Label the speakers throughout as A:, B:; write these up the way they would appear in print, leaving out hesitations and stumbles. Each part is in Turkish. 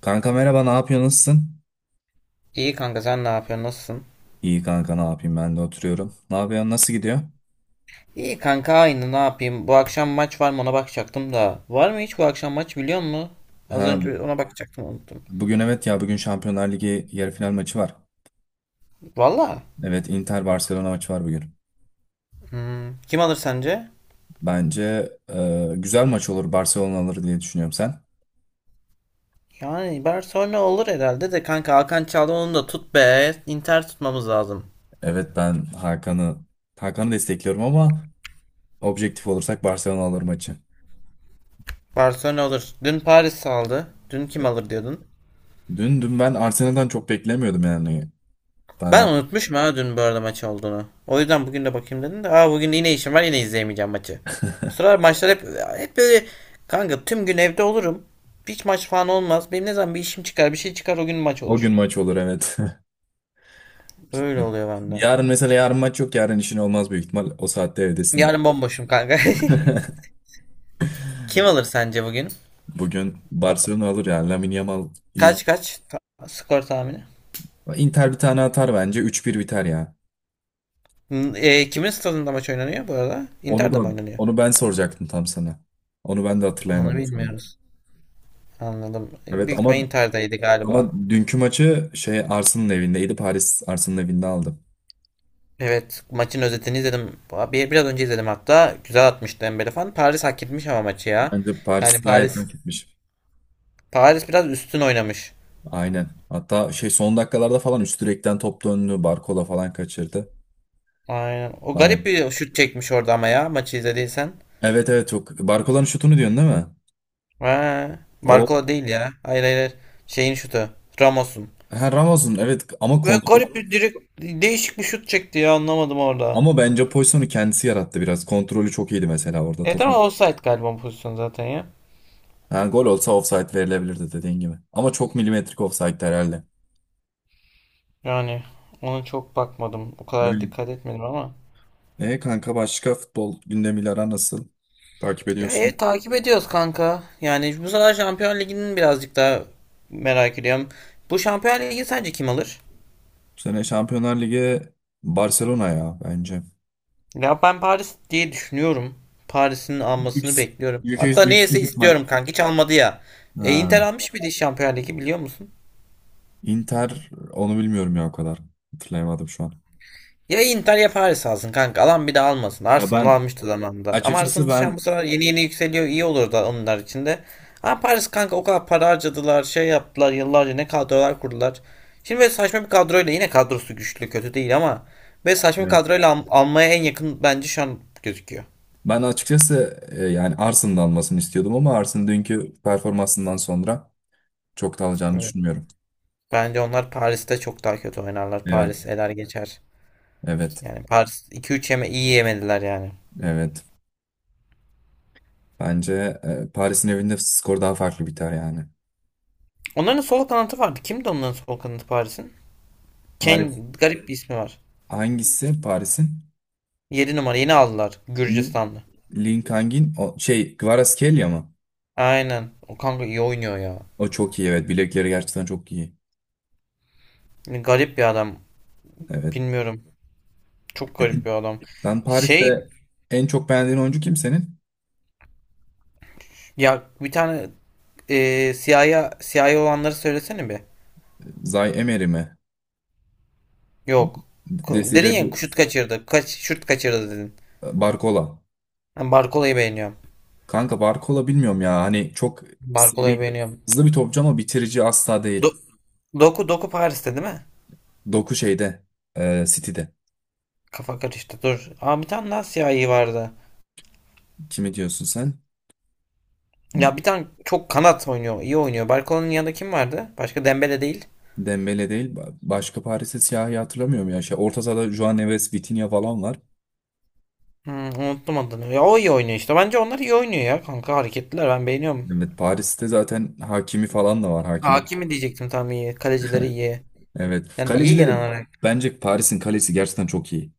A: Kanka merhaba, ne yapıyorsun? Nasılsın?
B: İyi kanka sen ne yapıyorsun? Nasılsın?
A: İyi kanka, ne yapayım? Ben de oturuyorum. Ne yapıyorsun? Nasıl gidiyor?
B: İyi kanka aynı ne yapayım? Bu akşam maç var mı ona bakacaktım da. Var mı hiç bu akşam maç biliyor musun? Az
A: Ha,
B: önce ona bakacaktım unuttum.
A: bugün evet ya, bugün Şampiyonlar Ligi yarı final maçı var.
B: Valla.
A: Evet, Inter Barcelona maçı var bugün.
B: Kim alır sence?
A: Bence güzel maç olur, Barcelona alır diye düşünüyorum sen.
B: Yani Barcelona olur herhalde de kanka Hakan çaldı onu da tut be. Inter tutmamız lazım.
A: Evet, ben Hakan'ı destekliyorum ama objektif olursak Barcelona alır maçı.
B: Barcelona olur. Dün Paris aldı. Dün kim
A: E,
B: alır diyordun?
A: dün ben Arsenal'dan çok beklemiyordum yani. Ben
B: Ben
A: artık-
B: unutmuşum ha dün bu arada maç olduğunu. O yüzden bugün de bakayım dedim de. Aa bugün yine işim var yine izleyemeyeceğim maçı. Bu sıralar maçlar hep böyle kanka tüm gün evde olurum. Hiç maç falan olmaz. Benim ne zaman bir işim çıkar bir şey çıkar o gün maç
A: O gün
B: olur.
A: maç olur, evet.
B: Öyle oluyor bende.
A: Yarın mesela yarın maç yok, yarın işin olmaz büyük ihtimal. O saatte evdesindir.
B: Yarın bomboşum kanka. Kim alır sence bugün?
A: Bugün Barcelona alır ya, Lamine Yamal iyi.
B: Kaç kaç? Skor tahmini.
A: Inter bir tane atar bence. 3-1 biter ya.
B: Kimin stadında maç oynanıyor bu arada?
A: Onu
B: Inter'de mi
A: da
B: oynanıyor?
A: onu ben soracaktım tam sana. Onu ben de
B: Onu
A: hatırlayamadım
B: bilmiyoruz. Anladım.
A: evet.
B: Büyük ihtimalle
A: ama
B: Inter'deydi galiba.
A: ama dünkü maçı Arsenal'ın evindeydi. Paris Arsenal'ın evinde aldı.
B: Evet, maçın özetini izledim. Biraz önce izledim hatta. Güzel atmıştı Dembele falan. Paris hak etmiş ama maçı ya.
A: Bence Paris
B: Yani
A: gayet
B: Paris
A: hak etmiş.
B: Paris biraz üstün oynamış.
A: Aynen. Hatta son dakikalarda falan üst direkten top döndü. Barcola falan kaçırdı.
B: Aynen. O garip
A: Bayan.
B: bir şut çekmiş orada ama ya maçı izlediysen.
A: Evet, evet, çok. Barcola'nın şutunu diyorsun değil mi?
B: Ha,
A: O
B: Barcola değil ya. Hayır, hayır, hayır. Şeyin şutu. Ramos'un.
A: ha, Ramos'un, evet, ama
B: Ve
A: kontrol.
B: garip bir direkt değişik bir şut çekti ya anlamadım orada.
A: Ama bence pozisyonu kendisi yarattı biraz. Kontrolü çok iyiydi mesela orada
B: Evet ama
A: topun.
B: offside galiba bu pozisyon zaten ya.
A: Ha, gol olsa offside verilebilirdi dediğin gibi. Ama çok milimetrik offside herhalde.
B: Yani ona çok bakmadım. O kadar
A: Öyle.
B: dikkat etmedim ama.
A: Kanka başka futbol gündemiyle aran nasıl? Takip
B: Ya evet
A: ediyorsun.
B: takip ediyoruz kanka. Yani bu sefer Şampiyon Ligi'nin birazcık daha merak ediyorum. Bu Şampiyon Ligi sence kim alır?
A: Bu sene Şampiyonlar Ligi Barcelona ya bence.
B: Ya ben Paris diye düşünüyorum. Paris'in almasını
A: Yüks-
B: bekliyorum.
A: Yüksek,
B: Hatta neyse
A: yüksek ihtimal.
B: istiyorum kanka hiç almadı ya. E, Inter
A: Ha.
B: almış bir de Şampiyon Ligi biliyor musun?
A: Inter onu bilmiyorum ya o kadar. Hatırlayamadım şu an.
B: Ya Inter ya Paris alsın kanka. Alan bir de almasın.
A: Ya
B: Arsenal
A: ben
B: almıştı zamanında. Ama
A: açıkçası
B: Arsenal şu an bu
A: ben
B: sefer yeni yeni yükseliyor. İyi olur da onlar için de. Ama Paris kanka o kadar para harcadılar. Şey yaptılar yıllarca ne kadrolar kurdular. Şimdi böyle saçma bir kadroyla yine kadrosu güçlü kötü değil ama böyle saçma bir kadroyla almaya en yakın bence şu an gözüküyor.
A: Ben açıkçası yani Arsen'ın da almasını istiyordum ama Arsen'ın dünkü performansından sonra çok da alacağını
B: Evet.
A: düşünmüyorum.
B: Bence onlar Paris'te çok daha kötü oynarlar.
A: Evet,
B: Paris eler geçer.
A: evet,
B: Yani Paris iki üç yeme iyi yemediler yani.
A: evet. Bence Paris'in evinde skor daha farklı biter yani.
B: Onların sol kanatı vardı. Kimdi onların sol kanatı Paris'in?
A: Paris
B: Ken garip bir ismi var.
A: Hangisi Paris'in?
B: 7 numara yeni aldılar.
A: Lin,
B: Gürcistanlı.
A: Link hangin? O, şey Kvaratskhelia mı?
B: Aynen. O kanka iyi oynuyor ya.
A: O çok iyi, evet. Bilekleri gerçekten çok iyi.
B: Garip bir adam.
A: Evet.
B: Bilmiyorum. Çok garip bir adam.
A: Sen Paris'te
B: Şey
A: en çok beğendiğin oyuncu kim senin?
B: ya bir tane siyah siyah olanları söylesene bir.
A: Zay Emery mi?
B: Yok. Dedin
A: Desire
B: ya
A: Du-
B: şut kaçırdı. Kaç şut kaçırdı dedin.
A: Barcola.
B: Ben Barkola'yı beğeniyorum.
A: Kanka Barkola bilmiyorum ya. Hani çok seri,
B: Barkola'yı beğeniyorum.
A: hızlı bir topçu ama bitirici asla değil.
B: Do- Doku Paris'te değil mi?
A: Doku City'de.
B: Kafa karıştı. Dur. Aa bir tane daha siyahi vardı.
A: Kimi diyorsun sen?
B: Ya bir tane çok kanat oynuyor. İyi oynuyor. Barkola'nın yanında kim vardı? Başka Dembele değil.
A: Dembele değil. Başka Paris'te siyahi hatırlamıyorum ya. Orta sahada Juan Neves, Vitinha falan var.
B: Unuttum adını. Ya o iyi oynuyor işte. Bence onlar iyi oynuyor ya kanka. Hareketliler ben beğeniyorum.
A: Evet, Paris'te zaten Hakimi falan da var. Hakimi.
B: Hakimi diyecektim tam iyi. Kalecileri iyi.
A: Evet.
B: Yani iyi genel
A: Kalecilerim.
B: olarak.
A: Bence Paris'in kalesi gerçekten çok iyi.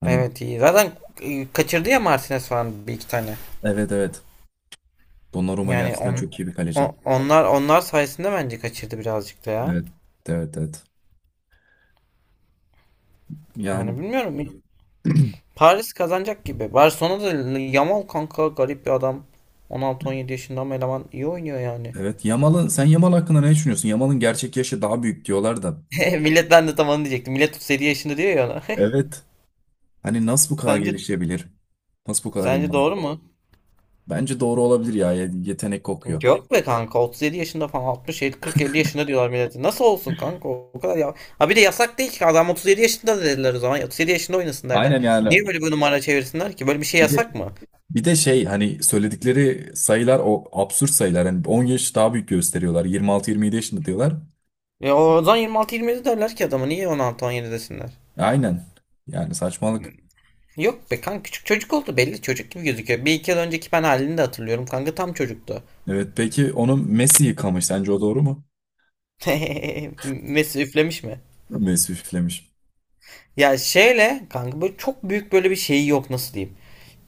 A: Hani,
B: Evet iyi. Zaten kaçırdı ya Martinez falan bir iki tane.
A: evet, evet. Donnarumma
B: Yani
A: gerçekten
B: on,
A: çok iyi bir kaleci.
B: o- onlar onlar sayesinde bence kaçırdı birazcık da ya.
A: Evet. Evet, evet.
B: Yani
A: Yani.
B: bilmiyorum. Paris kazanacak gibi. Barcelona da Yamal kanka garip bir adam. 16-17 yaşında ama eleman iyi oynuyor yani.
A: Evet. Sen Yamal hakkında ne düşünüyorsun? Yamal'ın gerçek yaşı daha büyük diyorlar da.
B: Millet ben de tam onu diyecektim. Millet 37 yaşında diyor ya ona.
A: Evet. Hani nasıl bu kadar
B: Sence
A: gelişebilir? Nasıl bu kadar iyi?
B: sence doğru mu?
A: Bence doğru olabilir ya. Yetenek kokuyor.
B: Yok be kanka 37 yaşında falan 60 50 40 50 yaşında diyorlar millete. Nasıl olsun kanka o kadar ya. Ha bir de yasak değil ki adam 37 yaşında da dediler o zaman. 37 yaşında oynasın derler.
A: Aynen yani.
B: Niye böyle bir numara çevirsinler ki? Böyle bir şey
A: Bir de,
B: yasak mı?
A: bir de hani söyledikleri sayılar o absürt sayılar. Hani 10 yaş daha büyük gösteriyorlar. 26-27 yaşında diyorlar.
B: Ya o zaman 26 27 derler ki adama niye 16-17 desinler?
A: Aynen. Yani saçmalık.
B: Yok be kanka küçük çocuk oldu belli çocuk gibi gözüküyor. Bir iki yıl önceki ben halini de hatırlıyorum kanka tam çocuktu.
A: Evet, peki onu Messi yıkamış. Sence o doğru mu?
B: Messi üflemiş mi?
A: Messi üflemiş.
B: Ya şeyle kanka böyle çok büyük böyle bir şeyi yok nasıl diyeyim.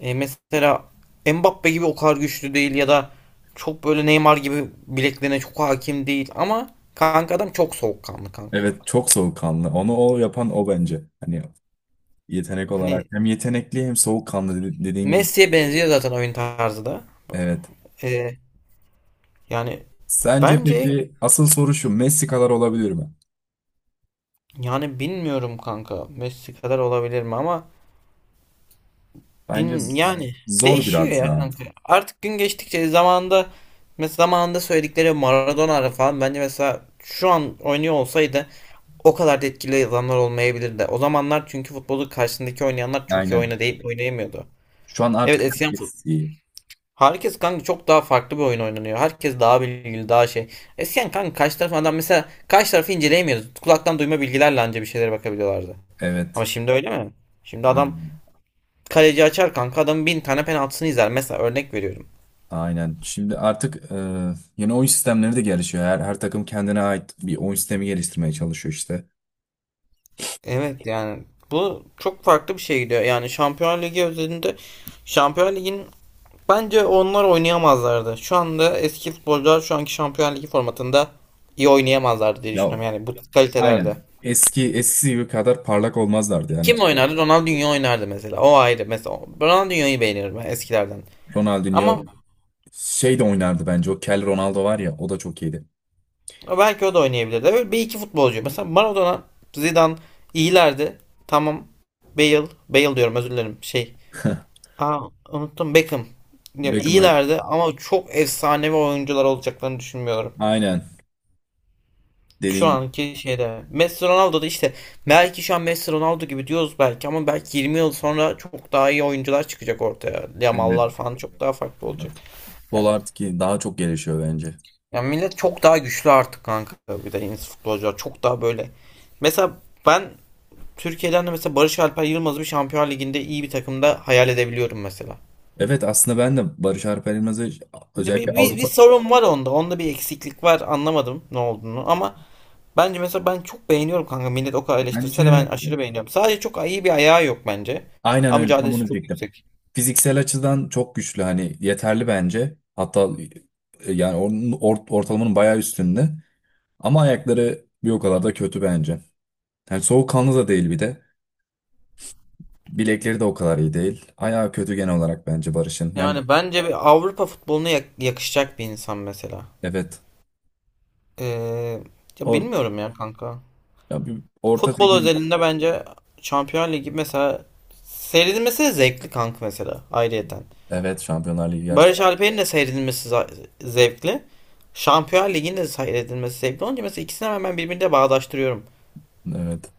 B: E, mesela Mbappe gibi o kadar güçlü değil ya da çok böyle Neymar gibi bileklerine çok hakim değil ama kanka adam çok soğukkanlı kanka.
A: Evet, çok soğukkanlı. Onu o yapan o bence. Hani yetenek olarak
B: Hani
A: hem yetenekli hem soğukkanlı, dediğin gibi.
B: Messi'ye benziyor zaten oyun tarzı da.
A: Evet.
B: E, yani
A: Sence
B: bence
A: peki asıl soru şu, Messi kadar olabilir mi?
B: yani bilmiyorum kanka Messi kadar olabilir mi ama
A: Bence
B: gün
A: z-
B: yani
A: zor
B: değişiyor
A: biraz
B: ya
A: ya.
B: kanka. Artık gün geçtikçe zamanda mesela zamanında söyledikleri Maradona falan bence mesela şu an oynuyor olsaydı o kadar da etkili adamlar olmayabilirdi. O zamanlar çünkü futbolu karşısındaki oynayanlar çok iyi
A: Aynen.
B: oynayıp oynayamıyordu.
A: Şu an
B: Evet
A: artık
B: eskiden
A: herkes iyi.
B: herkes kanka çok daha farklı bir oyun oynanıyor. Herkes daha bilgili daha şey. Eskiden kanka karşı tarafın adam mesela karşı tarafı inceleyemiyordu. Kulaktan duyma bilgilerle anca bir şeylere bakabiliyorlardı. Ama
A: Evet.
B: şimdi öyle mi? Şimdi adam
A: Aynen.
B: kaleci açar kanka adamın bin tane penaltısını izler. Mesela örnek veriyorum.
A: Aynen. Şimdi artık yeni oyun sistemleri de gelişiyor. Her takım kendine ait bir oyun sistemi geliştirmeye çalışıyor işte.
B: Evet yani bu çok farklı bir şey gidiyor. Yani Şampiyonlar Ligi özelinde Şampiyonlar Ligi'nin bence onlar oynayamazlardı. Şu anda eski futbolcular şu anki Şampiyonlar Ligi formatında iyi oynayamazlardı diye
A: Ya,
B: düşünüyorum. Yani bu
A: aynen.
B: kalitelerde.
A: Eski eskisi gibi kadar parlak olmazlardı yani.
B: Kim oynardı? Ronaldinho oynardı mesela. O ayrı. Mesela Ronaldinho'yu beğenirim ben eskilerden.
A: Ronaldinho
B: Ama
A: şey de oynardı bence. O Kel Ronaldo var ya, o da çok iyiydi.
B: belki o da oynayabilirdi. Öyle bir iki futbolcu. Mesela Maradona, Zidane iyilerdi. Tamam. Bale, Bale diyorum özür dilerim. Aa unuttum Beckham. Ya,
A: Beckham.
B: iyilerdi ama çok efsanevi oyuncular olacaklarını düşünmüyorum.
A: Aynen.
B: Şu
A: Dediğin gibi.
B: anki şeyde. Messi Ronaldo da işte belki şu an Messi Ronaldo gibi diyoruz belki ama belki 20 yıl sonra çok daha iyi oyuncular çıkacak ortaya.
A: Evet.
B: Yamallar falan çok daha farklı olacak.
A: Evet.
B: Yani,
A: Futbol artık ki daha çok gelişiyor bence.
B: yani millet çok daha güçlü artık kanka. Bir de yeni futbolcular çok daha böyle. Mesela ben Türkiye'den de mesela Barış Alper Yılmaz'ı bir Şampiyonlar Ligi'nde iyi bir takımda hayal edebiliyorum mesela.
A: Evet, aslında ben de Barış Alper Yılmaz'ı
B: Bir, bir,
A: özellikle
B: bir,
A: Avrupa
B: sorun var onda. Onda bir eksiklik var. Anlamadım ne olduğunu ama bence mesela ben çok beğeniyorum kanka. Millet o kadar
A: bence
B: eleştirse de ben aşırı beğeniyorum. Sadece çok iyi bir ayağı yok bence.
A: aynen
B: Ama
A: öyle tam onu
B: mücadelesi çok
A: diyecektim.
B: yüksek.
A: Fiziksel açıdan çok güçlü, hani yeterli bence. Hatta yani onun ortalamanın bayağı üstünde. Ama ayakları bir o kadar da kötü bence. Yani soğukkanlı da değil bir de. Bilekleri de o kadar iyi değil. Ayağı kötü genel olarak bence Barış'ın. Yani
B: Yani bence bir Avrupa futboluna yakışacak bir insan mesela.
A: evet.
B: Ee, ya
A: Or
B: bilmiyorum ya kanka.
A: Ya bir orta
B: Futbol
A: segment.
B: özelinde bence Şampiyonlar Ligi mesela seyredilmesi de zevkli kanka mesela ayrıyeten.
A: Evet, Şampiyonlar Ligi yarısı.
B: Barış Alper'in de seyredilmesi zevkli. Şampiyon Ligi'nin de seyredilmesi zevkli. Onunca mesela ikisini hemen birbirine bağdaştırıyorum.
A: Evet.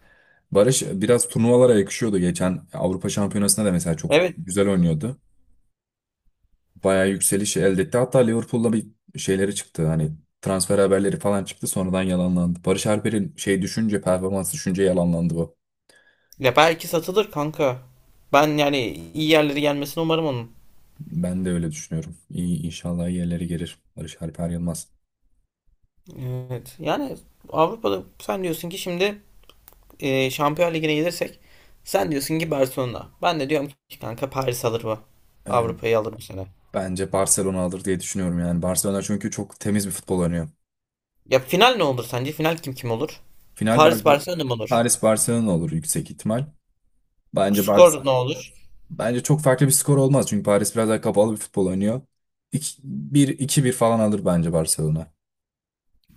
A: Barış biraz turnuvalara yakışıyordu. Geçen Avrupa Şampiyonası'nda da mesela çok
B: Evet.
A: güzel oynuyordu. Bayağı yükselişi elde etti. Hatta Liverpool'la bir şeyleri çıktı. Hani transfer haberleri falan çıktı. Sonradan yalanlandı. Barış Alper'in şey düşünce, performans düşünce yalanlandı bu.
B: Ya belki satılır kanka. Ben yani iyi yerlere gelmesini umarım onun.
A: Ben de öyle düşünüyorum. İyi, inşallah iyi gelir Barış Alper Yılmaz.
B: Evet. Yani Avrupa'da sen diyorsun ki şimdi Şampiyon Ligi'ne gelirsek sen diyorsun ki Barcelona. Ben de diyorum ki kanka Paris alır bu.
A: Ee,
B: Avrupa'yı alır bu sene.
A: bence Barcelona alır diye düşünüyorum yani. Barcelona çünkü çok temiz bir futbol oynuyor.
B: Ya final ne olur sence? Final kim olur?
A: Final Bar
B: Paris Barcelona mı olur?
A: Paris Barcelona olur yüksek ihtimal. Bence Bar-
B: Skor ne olur?
A: Bence çok farklı bir skor olmaz çünkü Paris biraz daha kapalı bir futbol oynuyor. Bir iki bir falan alır bence Barcelona.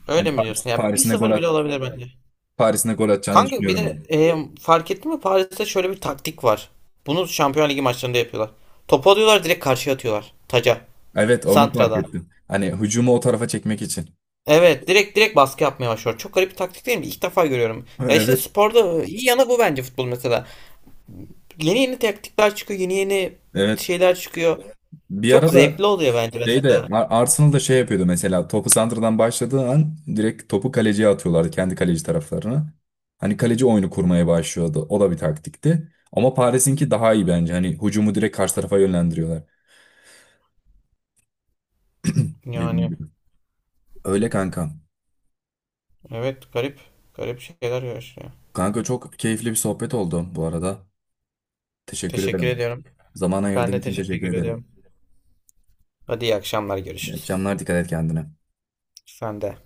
B: Öyle mi diyorsun? Ya bir
A: Paris'in de
B: 0 bile olabilir bence.
A: Paris'in de gol atacağını
B: Kanka bir
A: düşünüyorum
B: de
A: ben.
B: fark ettin mi Paris'te şöyle bir taktik var. Bunu Şampiyonlar Ligi maçlarında yapıyorlar. Topu alıyorlar direkt karşıya atıyorlar. Taca.
A: Evet, onu fark
B: Santra'da.
A: ettim. Hani hücumu o tarafa çekmek için.
B: Evet direkt baskı yapmaya başlıyor. Çok garip bir taktik değil mi? İlk defa görüyorum. Ya işte
A: Evet.
B: sporda iyi yanı bu bence futbol mesela. Yeni yeni taktikler çıkıyor. Yeni yeni
A: Evet.
B: şeyler çıkıyor.
A: Bir
B: Çok
A: ara da
B: zevkli oluyor bence mesela.
A: Arsenal da şey yapıyordu mesela topu santradan başladığı an direkt topu kaleciye atıyorlardı kendi kaleci taraflarına. Hani kaleci oyunu kurmaya başlıyordu. O da bir taktikti. Ama Paris'inki daha iyi bence. Hani hücumu direkt karşı tarafa yönlendiriyorlar. Dediğim
B: Yani
A: gibi. Öyle kanka.
B: evet garip. Garip şeyler yaşıyor.
A: Kanka, çok keyifli bir sohbet oldu bu arada. Teşekkür
B: Teşekkür
A: ederim.
B: ediyorum.
A: Zaman
B: Ben
A: ayırdığın
B: de
A: için teşekkür
B: teşekkür
A: ederim.
B: ediyorum. Hadi iyi akşamlar
A: İyi
B: görüşürüz.
A: akşamlar, dikkat et kendine.
B: Sen de.